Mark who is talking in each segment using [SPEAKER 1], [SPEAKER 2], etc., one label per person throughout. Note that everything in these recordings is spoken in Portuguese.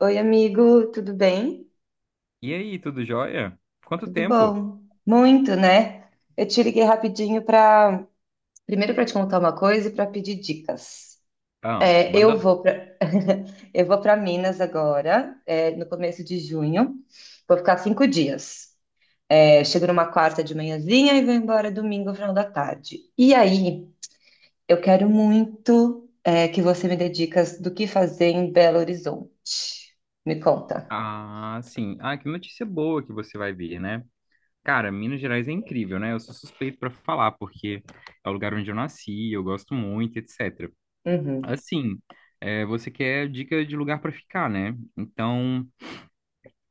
[SPEAKER 1] Oi, amigo, tudo bem?
[SPEAKER 2] E aí, tudo jóia? Quanto
[SPEAKER 1] Tudo
[SPEAKER 2] tempo?
[SPEAKER 1] bom? Muito, né? Eu te liguei rapidinho para, primeiro para te contar uma coisa e para pedir dicas.
[SPEAKER 2] Ah,
[SPEAKER 1] É,
[SPEAKER 2] manda
[SPEAKER 1] eu
[SPEAKER 2] lá.
[SPEAKER 1] vou para eu vou para Minas agora, é, no começo de junho. Vou ficar 5 dias. É, chego numa quarta de manhãzinha e vou embora domingo, ao final da tarde. E aí, eu quero muito, é, que você me dê dicas do que fazer em Belo Horizonte. Me conta.
[SPEAKER 2] Ah, sim. Ah, que notícia boa que você vai ver, né? Cara, Minas Gerais é incrível, né? Eu sou suspeito pra falar, porque é o lugar onde eu nasci, eu gosto muito, etc.
[SPEAKER 1] Uhum.
[SPEAKER 2] Assim, você quer dica de lugar pra ficar, né? Então,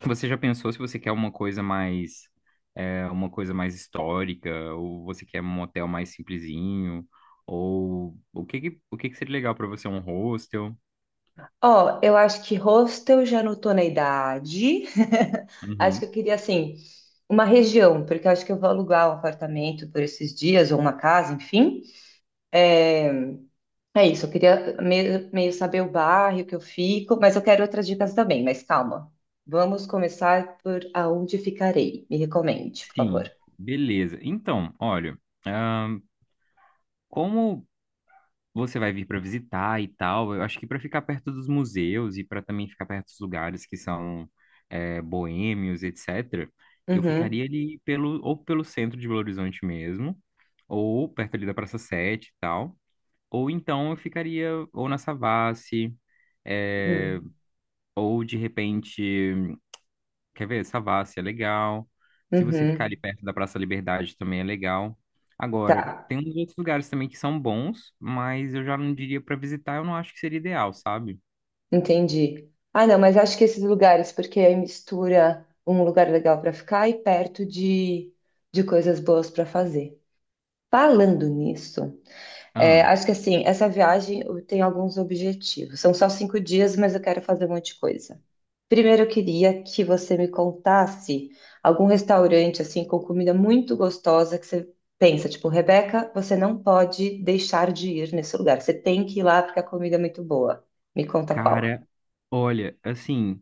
[SPEAKER 2] você já pensou se você quer uma coisa mais histórica, ou você quer um hotel mais simplesinho, ou o que que seria legal pra você, um hostel?
[SPEAKER 1] Ó, eu acho que hostel já não tô na idade. Acho que
[SPEAKER 2] Uhum.
[SPEAKER 1] eu queria, assim, uma região, porque eu acho que eu vou alugar um apartamento por esses dias, ou uma casa, enfim. É, é isso, eu queria meio saber o bairro que eu fico, mas eu quero outras dicas também, mas calma. Vamos começar por aonde ficarei. Me recomende, por
[SPEAKER 2] Sim,
[SPEAKER 1] favor.
[SPEAKER 2] beleza. Então, olha, ahn, como você vai vir para visitar e tal, eu acho que para ficar perto dos museus e para também ficar perto dos lugares que são boêmios, etc., eu
[SPEAKER 1] Uhum.
[SPEAKER 2] ficaria ali pelo, ou pelo centro de Belo Horizonte mesmo, ou perto ali da Praça Sete e tal, ou então eu ficaria ou na Savassi, é,
[SPEAKER 1] Uhum.
[SPEAKER 2] ou de repente. Quer ver? Savassi é legal. Se você ficar ali
[SPEAKER 1] Uhum.
[SPEAKER 2] perto da Praça Liberdade também é legal. Agora, tem
[SPEAKER 1] Tá.
[SPEAKER 2] uns outros lugares também que são bons, mas eu já não diria pra visitar, eu não acho que seria ideal, sabe?
[SPEAKER 1] Entendi. Ah, não, mas acho que esses lugares, porque aí mistura um lugar legal para ficar e perto de coisas boas para fazer. Falando nisso, é,
[SPEAKER 2] Ah,
[SPEAKER 1] acho que assim, essa viagem eu tenho alguns objetivos. São só 5 dias, mas eu quero fazer um monte de coisa. Primeiro, eu queria que você me contasse algum restaurante assim com comida muito gostosa que você pensa, tipo, Rebeca, você não pode deixar de ir nesse lugar. Você tem que ir lá porque a comida é muito boa. Me conta qual.
[SPEAKER 2] cara, olha, assim,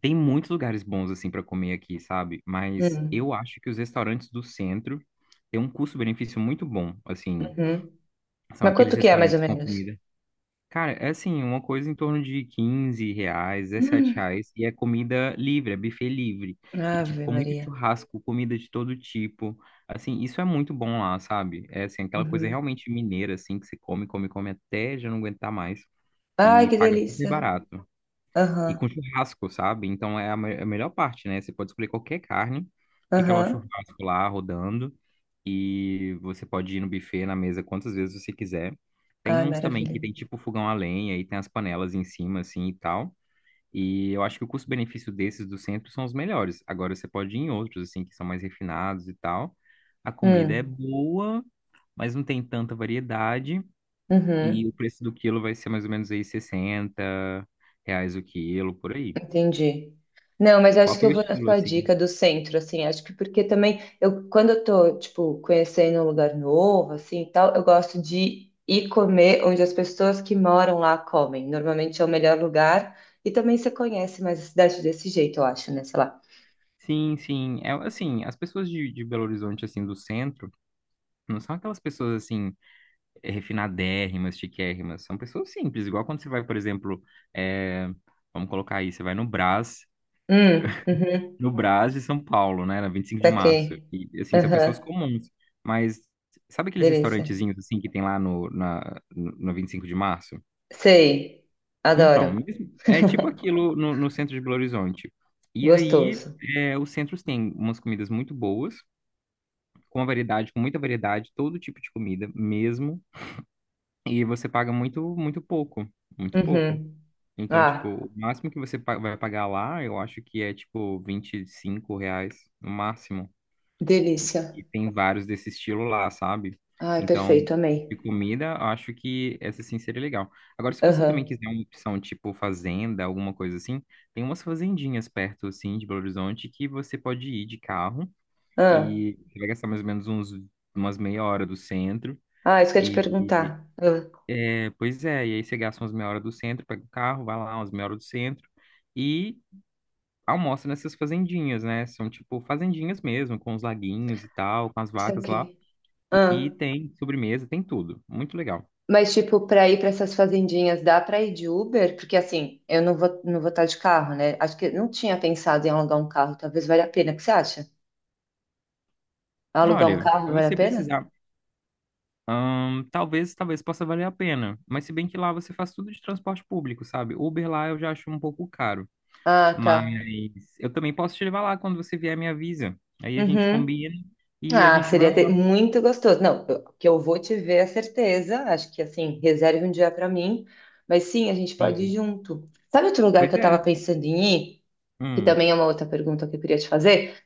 [SPEAKER 2] tem muitos lugares bons assim pra comer aqui, sabe? Mas
[SPEAKER 1] Hum.
[SPEAKER 2] eu acho que os restaurantes do centro têm um custo-benefício muito bom, assim.
[SPEAKER 1] Uhum.
[SPEAKER 2] São
[SPEAKER 1] Mas
[SPEAKER 2] aqueles
[SPEAKER 1] quanto que é, mais ou
[SPEAKER 2] restaurantes com
[SPEAKER 1] menos?
[SPEAKER 2] comida. Cara, é assim, uma coisa em torno de 15 reais, 17
[SPEAKER 1] Hum.
[SPEAKER 2] reais, e é comida livre, é buffet livre. E, tipo,
[SPEAKER 1] Ave
[SPEAKER 2] com muito
[SPEAKER 1] Maria.
[SPEAKER 2] churrasco, comida de todo tipo. Assim, isso é muito bom lá, sabe? É, assim, aquela coisa
[SPEAKER 1] Uhum.
[SPEAKER 2] realmente mineira, assim, que você come, come, come até já não aguentar mais.
[SPEAKER 1] Ai,
[SPEAKER 2] E
[SPEAKER 1] que
[SPEAKER 2] paga super
[SPEAKER 1] delícia.
[SPEAKER 2] barato. E com
[SPEAKER 1] Aham,
[SPEAKER 2] churrasco, sabe? Então é é a melhor parte, né? Você pode escolher qualquer carne, fica lá o
[SPEAKER 1] aham.
[SPEAKER 2] churrasco lá rodando e você pode ir no buffet, na mesa, quantas vezes você quiser. Tem
[SPEAKER 1] Ai,
[SPEAKER 2] uns também
[SPEAKER 1] maravilha.
[SPEAKER 2] que tem tipo fogão a lenha e tem as panelas em cima, assim e tal. E eu acho que o custo-benefício desses do centro são os melhores. Agora você pode ir em outros, assim, que são mais refinados e tal. A comida é
[SPEAKER 1] Hum.
[SPEAKER 2] boa, mas não tem tanta variedade. E
[SPEAKER 1] Uhum.
[SPEAKER 2] o preço do quilo vai ser mais ou menos aí 60 reais o quilo, por aí.
[SPEAKER 1] Entendi. Não, mas
[SPEAKER 2] Qual
[SPEAKER 1] acho que
[SPEAKER 2] que é
[SPEAKER 1] eu
[SPEAKER 2] o
[SPEAKER 1] vou na
[SPEAKER 2] estilo,
[SPEAKER 1] sua
[SPEAKER 2] assim?
[SPEAKER 1] dica do centro, assim, acho que porque também eu, quando eu tô, tipo, conhecendo um lugar novo, assim, e tal, eu gosto de ir comer onde as pessoas que moram lá comem. Normalmente é o melhor lugar e também você conhece mais a cidade desse jeito, eu acho, né? Sei lá.
[SPEAKER 2] Sim, sim. É, assim, as pessoas de Belo Horizonte, assim, do centro, não são aquelas pessoas, assim, refinadérrimas, chiquérrimas. São pessoas simples. Igual quando você vai, por exemplo, eh, vamos colocar aí, você vai no Brás,
[SPEAKER 1] Uhum.
[SPEAKER 2] no Brás de São Paulo, né, na 25 de
[SPEAKER 1] Saquei.
[SPEAKER 2] março. E, assim, são pessoas
[SPEAKER 1] Aham.
[SPEAKER 2] comuns. Mas sabe aqueles
[SPEAKER 1] Delícia.
[SPEAKER 2] restaurantezinhos, assim, que tem lá no 25 de março?
[SPEAKER 1] Sei.
[SPEAKER 2] Então,
[SPEAKER 1] Adoro.
[SPEAKER 2] é tipo aquilo no centro de Belo Horizonte. E aí,
[SPEAKER 1] Gostoso.
[SPEAKER 2] os centros têm umas comidas muito boas, com uma variedade, com muita variedade, todo tipo de comida mesmo, e você paga muito, muito pouco, muito pouco.
[SPEAKER 1] Uhum.
[SPEAKER 2] Então, tipo,
[SPEAKER 1] Ah,
[SPEAKER 2] o máximo que você vai pagar lá, eu acho que é, tipo, 25 reais, no máximo.
[SPEAKER 1] delícia.
[SPEAKER 2] E tem vários desse estilo lá, sabe?
[SPEAKER 1] Ai,
[SPEAKER 2] Então,
[SPEAKER 1] perfeito. Amei.
[SPEAKER 2] de comida, eu acho que essa, sim, seria legal. Agora, se você também
[SPEAKER 1] Aham.
[SPEAKER 2] quiser uma opção, tipo, fazenda, alguma coisa assim, tem umas fazendinhas perto, assim, de Belo Horizonte, que você pode ir de carro
[SPEAKER 1] Ah.
[SPEAKER 2] e você vai gastar mais ou menos uns, umas meia hora do centro.
[SPEAKER 1] Ah, isso que eu ia te
[SPEAKER 2] E
[SPEAKER 1] perguntar. Ah,
[SPEAKER 2] é, pois é, e aí você gasta umas meia hora do centro, pega o carro, vai lá umas meia hora do centro e almoça nessas fazendinhas, né? São tipo fazendinhas mesmo, com os laguinhos e tal, com as vacas lá.
[SPEAKER 1] saquei.
[SPEAKER 2] E
[SPEAKER 1] Ah.
[SPEAKER 2] tem sobremesa, tem tudo. Muito legal.
[SPEAKER 1] Mas, tipo, pra ir pra essas fazendinhas, dá pra ir de Uber? Porque, assim, eu não vou, não vou estar de carro, né? Acho que eu não tinha pensado em alugar um carro. Talvez valha a pena. O que você acha? Alugar um
[SPEAKER 2] Olha,
[SPEAKER 1] carro
[SPEAKER 2] se
[SPEAKER 1] vale a
[SPEAKER 2] você
[SPEAKER 1] pena?
[SPEAKER 2] precisar, talvez possa valer a pena. Mas se bem que lá você faz tudo de transporte público, sabe? Uber lá eu já acho um pouco caro.
[SPEAKER 1] Ah,
[SPEAKER 2] Mas
[SPEAKER 1] tá.
[SPEAKER 2] eu também posso te levar lá quando você vier, me avisa. Aí a gente
[SPEAKER 1] Uhum.
[SPEAKER 2] combina e a
[SPEAKER 1] Ah,
[SPEAKER 2] gente vai lá.
[SPEAKER 1] muito gostoso. Não, que eu vou te ver é certeza. Acho que assim, reserve um dia para mim. Mas sim, a gente pode ir
[SPEAKER 2] Sim.
[SPEAKER 1] junto. Sabe outro lugar que
[SPEAKER 2] Pois
[SPEAKER 1] eu tava
[SPEAKER 2] é.
[SPEAKER 1] pensando em ir? Que
[SPEAKER 2] Hum.
[SPEAKER 1] também é uma outra pergunta que eu queria te fazer?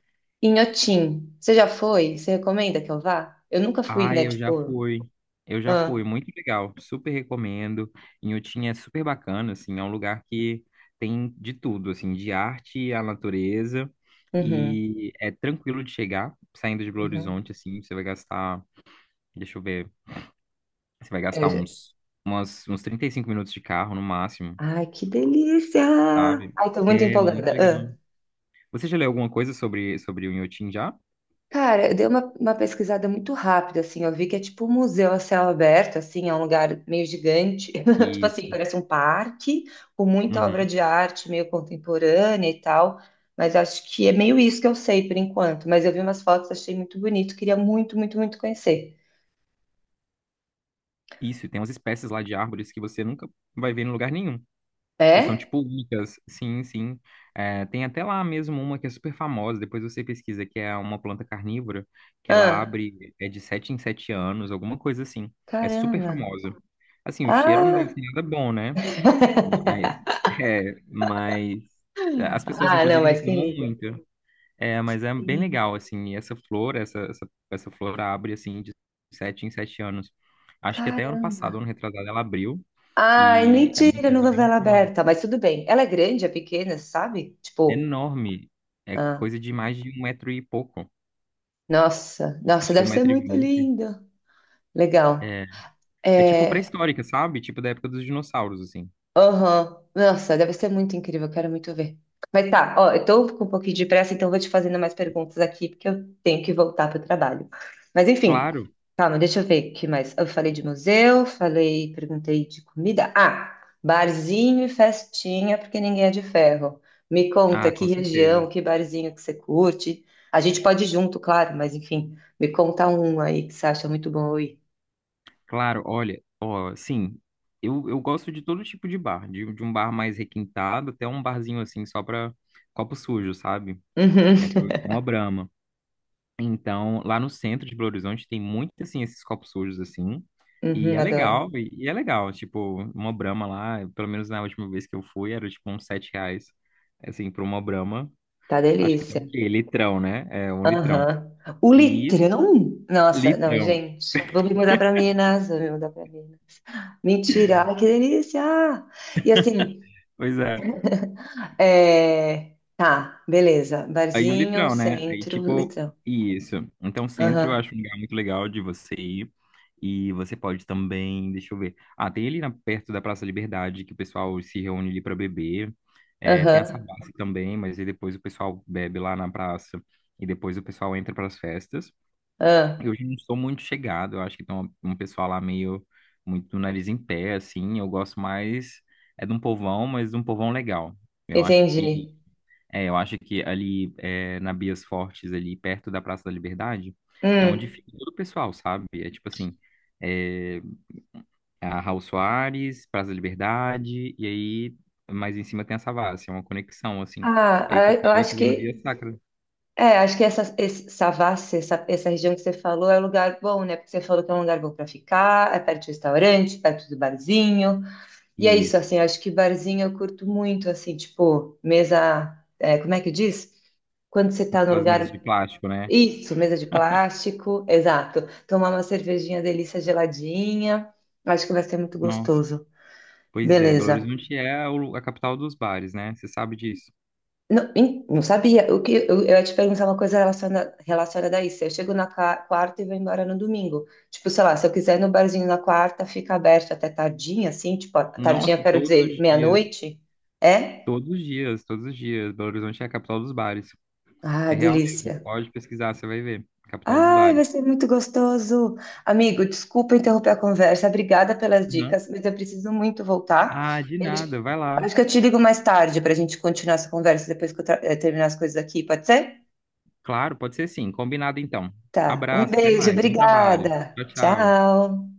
[SPEAKER 1] Inhotim. Você já foi? Você recomenda que eu vá? Eu nunca fui,
[SPEAKER 2] Ai,
[SPEAKER 1] né?
[SPEAKER 2] eu já
[SPEAKER 1] Tipo,
[SPEAKER 2] fui. Eu já
[SPEAKER 1] ah,
[SPEAKER 2] fui, muito legal. Super recomendo. Inhotim é super bacana, assim, é um lugar que tem de tudo, assim, de arte à natureza.
[SPEAKER 1] uhum,
[SPEAKER 2] E é tranquilo de chegar, saindo de Belo
[SPEAKER 1] uhum.
[SPEAKER 2] Horizonte, assim, você vai gastar, deixa eu ver, você vai gastar
[SPEAKER 1] Eu-
[SPEAKER 2] uns 35 minutos de carro no máximo,
[SPEAKER 1] Ai, que delícia!
[SPEAKER 2] sabe?
[SPEAKER 1] Ai, tô muito
[SPEAKER 2] É muito
[SPEAKER 1] empolgada.
[SPEAKER 2] legal. Você já leu alguma coisa sobre o Inhotim já?
[SPEAKER 1] Cara, eu dei uma pesquisada muito rápida, assim, eu vi que é tipo um museu a céu aberto, assim, é um lugar meio gigante, tipo assim,
[SPEAKER 2] Isso.
[SPEAKER 1] parece um parque, com muita obra
[SPEAKER 2] Uhum.
[SPEAKER 1] de arte, meio contemporânea e tal, mas acho que é meio isso que eu sei por enquanto, mas eu vi umas fotos, achei muito bonito, queria muito, muito, muito conhecer.
[SPEAKER 2] Isso, e tem umas espécies lá de árvores que você nunca vai ver em lugar nenhum, que são
[SPEAKER 1] É?
[SPEAKER 2] tipo únicas. Sim, sim. É, tem até lá mesmo uma que é super famosa, depois você pesquisa, que é uma planta carnívora, que ela
[SPEAKER 1] Ah,
[SPEAKER 2] abre é de 7 em 7 anos, alguma coisa assim. É super
[SPEAKER 1] caramba.
[SPEAKER 2] famosa. Assim, o cheiro não deve
[SPEAKER 1] Ah,
[SPEAKER 2] ser nada bom, né? Mas, mas as pessoas
[SPEAKER 1] ah, não,
[SPEAKER 2] inclusive
[SPEAKER 1] mas quem
[SPEAKER 2] reclamam
[SPEAKER 1] liga?
[SPEAKER 2] muito. É, mas é bem
[SPEAKER 1] Sim.
[SPEAKER 2] legal, assim, e essa flor, essa flor abre, assim, de sete em sete anos. Acho que até ano passado,
[SPEAKER 1] Caramba.
[SPEAKER 2] ano retrasado, ela abriu,
[SPEAKER 1] Ai,
[SPEAKER 2] e é uma
[SPEAKER 1] mentira, não
[SPEAKER 2] coisa bem
[SPEAKER 1] novela
[SPEAKER 2] famosa.
[SPEAKER 1] aberta, mas tudo bem. Ela é grande, é pequena, sabe? Tipo,
[SPEAKER 2] Enorme, é
[SPEAKER 1] ah,
[SPEAKER 2] coisa de mais de um metro e pouco,
[SPEAKER 1] nossa, nossa,
[SPEAKER 2] acho que
[SPEAKER 1] deve
[SPEAKER 2] um
[SPEAKER 1] ser
[SPEAKER 2] metro e
[SPEAKER 1] muito
[SPEAKER 2] vinte.
[SPEAKER 1] lindo. Legal.
[SPEAKER 2] É, é tipo
[SPEAKER 1] É,
[SPEAKER 2] pré-histórica, sabe? Tipo da época dos dinossauros, assim.
[SPEAKER 1] aham. Nossa, deve ser muito incrível, quero muito ver. Mas tá, ó, eu tô com um pouquinho de pressa, então eu vou te fazendo mais perguntas aqui, porque eu tenho que voltar pro trabalho. Mas enfim,
[SPEAKER 2] Claro,
[SPEAKER 1] calma, deixa eu ver o que mais. Eu falei de museu, falei, perguntei de comida. Ah, barzinho e festinha, porque ninguém é de ferro. Me conta
[SPEAKER 2] ah,
[SPEAKER 1] que
[SPEAKER 2] com
[SPEAKER 1] região,
[SPEAKER 2] certeza.
[SPEAKER 1] que barzinho que você curte. A gente pode ir junto, claro, mas enfim, me conta um aí que você acha muito bom eu ir.
[SPEAKER 2] Claro, olha, ó, sim, eu gosto de todo tipo de bar, de um bar mais requintado até um barzinho, assim, só pra copo sujo, sabe?
[SPEAKER 1] Uhum,
[SPEAKER 2] É pra beber uma Brahma. Então, lá no centro de Belo Horizonte tem muito, assim, esses copos sujos, assim. E
[SPEAKER 1] uhum,
[SPEAKER 2] é
[SPEAKER 1] adoro.
[SPEAKER 2] legal, e é legal. Tipo, uma Brahma lá, pelo menos na última vez que eu fui, era tipo uns sete reais, assim, pra uma Brahma.
[SPEAKER 1] Tá
[SPEAKER 2] Acho que tem
[SPEAKER 1] delícia.
[SPEAKER 2] o quê? Litrão, né? É, um litrão.
[SPEAKER 1] Aham. O
[SPEAKER 2] E
[SPEAKER 1] litrão? Nossa, não,
[SPEAKER 2] litrão.
[SPEAKER 1] gente. Vou me mudar pra Minas, vou me mudar pra Minas. Mentira, ai, que delícia! E assim,
[SPEAKER 2] Pois é.
[SPEAKER 1] é... tá, beleza.
[SPEAKER 2] Aí o
[SPEAKER 1] Barzinho,
[SPEAKER 2] litoral, né? Aí,
[SPEAKER 1] centro,
[SPEAKER 2] tipo,
[SPEAKER 1] litrão.
[SPEAKER 2] isso. Então, centro eu
[SPEAKER 1] Aham,
[SPEAKER 2] acho um lugar muito legal de você ir. E você pode também, deixa eu ver. Ah, tem ali na, perto da Praça Liberdade que o pessoal se reúne ali para beber. É, tem a
[SPEAKER 1] aham,
[SPEAKER 2] Savassi também, mas aí depois o pessoal bebe lá na praça e depois o pessoal entra para as festas.
[SPEAKER 1] ah,
[SPEAKER 2] Eu já não sou muito chegado, eu acho que tem um, pessoal lá meio muito nariz em pé, assim. Eu gosto mais é de um povão, mas de um povão legal. Eu acho que
[SPEAKER 1] entendi.
[SPEAKER 2] eu acho que ali é, na Bias Fortes, ali perto da Praça da Liberdade, é onde
[SPEAKER 1] Hum.
[SPEAKER 2] fica todo o pessoal, sabe? É tipo assim, é, a Raul Soares, Praça da Liberdade, e aí mais em cima tem a Savassi, é uma conexão, assim.
[SPEAKER 1] Ah,
[SPEAKER 2] Aí o
[SPEAKER 1] ah, eu
[SPEAKER 2] pessoal vai
[SPEAKER 1] acho
[SPEAKER 2] fazendo
[SPEAKER 1] que,
[SPEAKER 2] via sacra.
[SPEAKER 1] Savassi, essa região que você falou é um lugar bom, né? Porque você falou que é um lugar bom para ficar, é perto do restaurante, perto do barzinho. E é isso,
[SPEAKER 2] Isso,
[SPEAKER 1] assim, acho que barzinho eu curto muito, assim, tipo, mesa, é, como é que diz? Quando você tá no
[SPEAKER 2] aquelas mesas de
[SPEAKER 1] lugar,
[SPEAKER 2] plástico, né?
[SPEAKER 1] isso, mesa de plástico, exato. Tomar uma cervejinha delícia geladinha, acho que vai ser muito
[SPEAKER 2] Nossa,
[SPEAKER 1] gostoso.
[SPEAKER 2] pois é, Belo
[SPEAKER 1] Beleza.
[SPEAKER 2] Horizonte é a capital dos bares, né? Você sabe disso?
[SPEAKER 1] Não, não sabia, o que eu ia te perguntar uma coisa relacionada a isso. Eu chego na quarta e vou embora no domingo. Tipo, sei lá, se eu quiser ir no barzinho na quarta, fica aberto até tardinha, assim, tipo, tardinha,
[SPEAKER 2] Nossa,
[SPEAKER 1] eu
[SPEAKER 2] e
[SPEAKER 1] quero
[SPEAKER 2] todos
[SPEAKER 1] dizer,
[SPEAKER 2] os dias,
[SPEAKER 1] meia-noite, é?
[SPEAKER 2] todos os dias, todos os dias, Belo Horizonte é a capital dos bares.
[SPEAKER 1] Ah,
[SPEAKER 2] É real mesmo.
[SPEAKER 1] delícia.
[SPEAKER 2] Pode pesquisar, você vai ver. Capital dos
[SPEAKER 1] Ai, vai
[SPEAKER 2] bares.
[SPEAKER 1] ser muito gostoso. Amigo, desculpa interromper a conversa. Obrigada pelas
[SPEAKER 2] Uhum.
[SPEAKER 1] dicas, mas eu preciso muito voltar.
[SPEAKER 2] Ah, de
[SPEAKER 1] Eu
[SPEAKER 2] nada.
[SPEAKER 1] te-
[SPEAKER 2] Vai lá.
[SPEAKER 1] Acho que eu te ligo mais tarde para a gente continuar essa conversa depois que eu terminar as coisas aqui, pode ser?
[SPEAKER 2] Claro, pode ser sim. Combinado então.
[SPEAKER 1] Tá. Um
[SPEAKER 2] Abraço, até
[SPEAKER 1] beijo,
[SPEAKER 2] mais. Bom trabalho.
[SPEAKER 1] obrigada.
[SPEAKER 2] Tchau, tchau.
[SPEAKER 1] Tchau.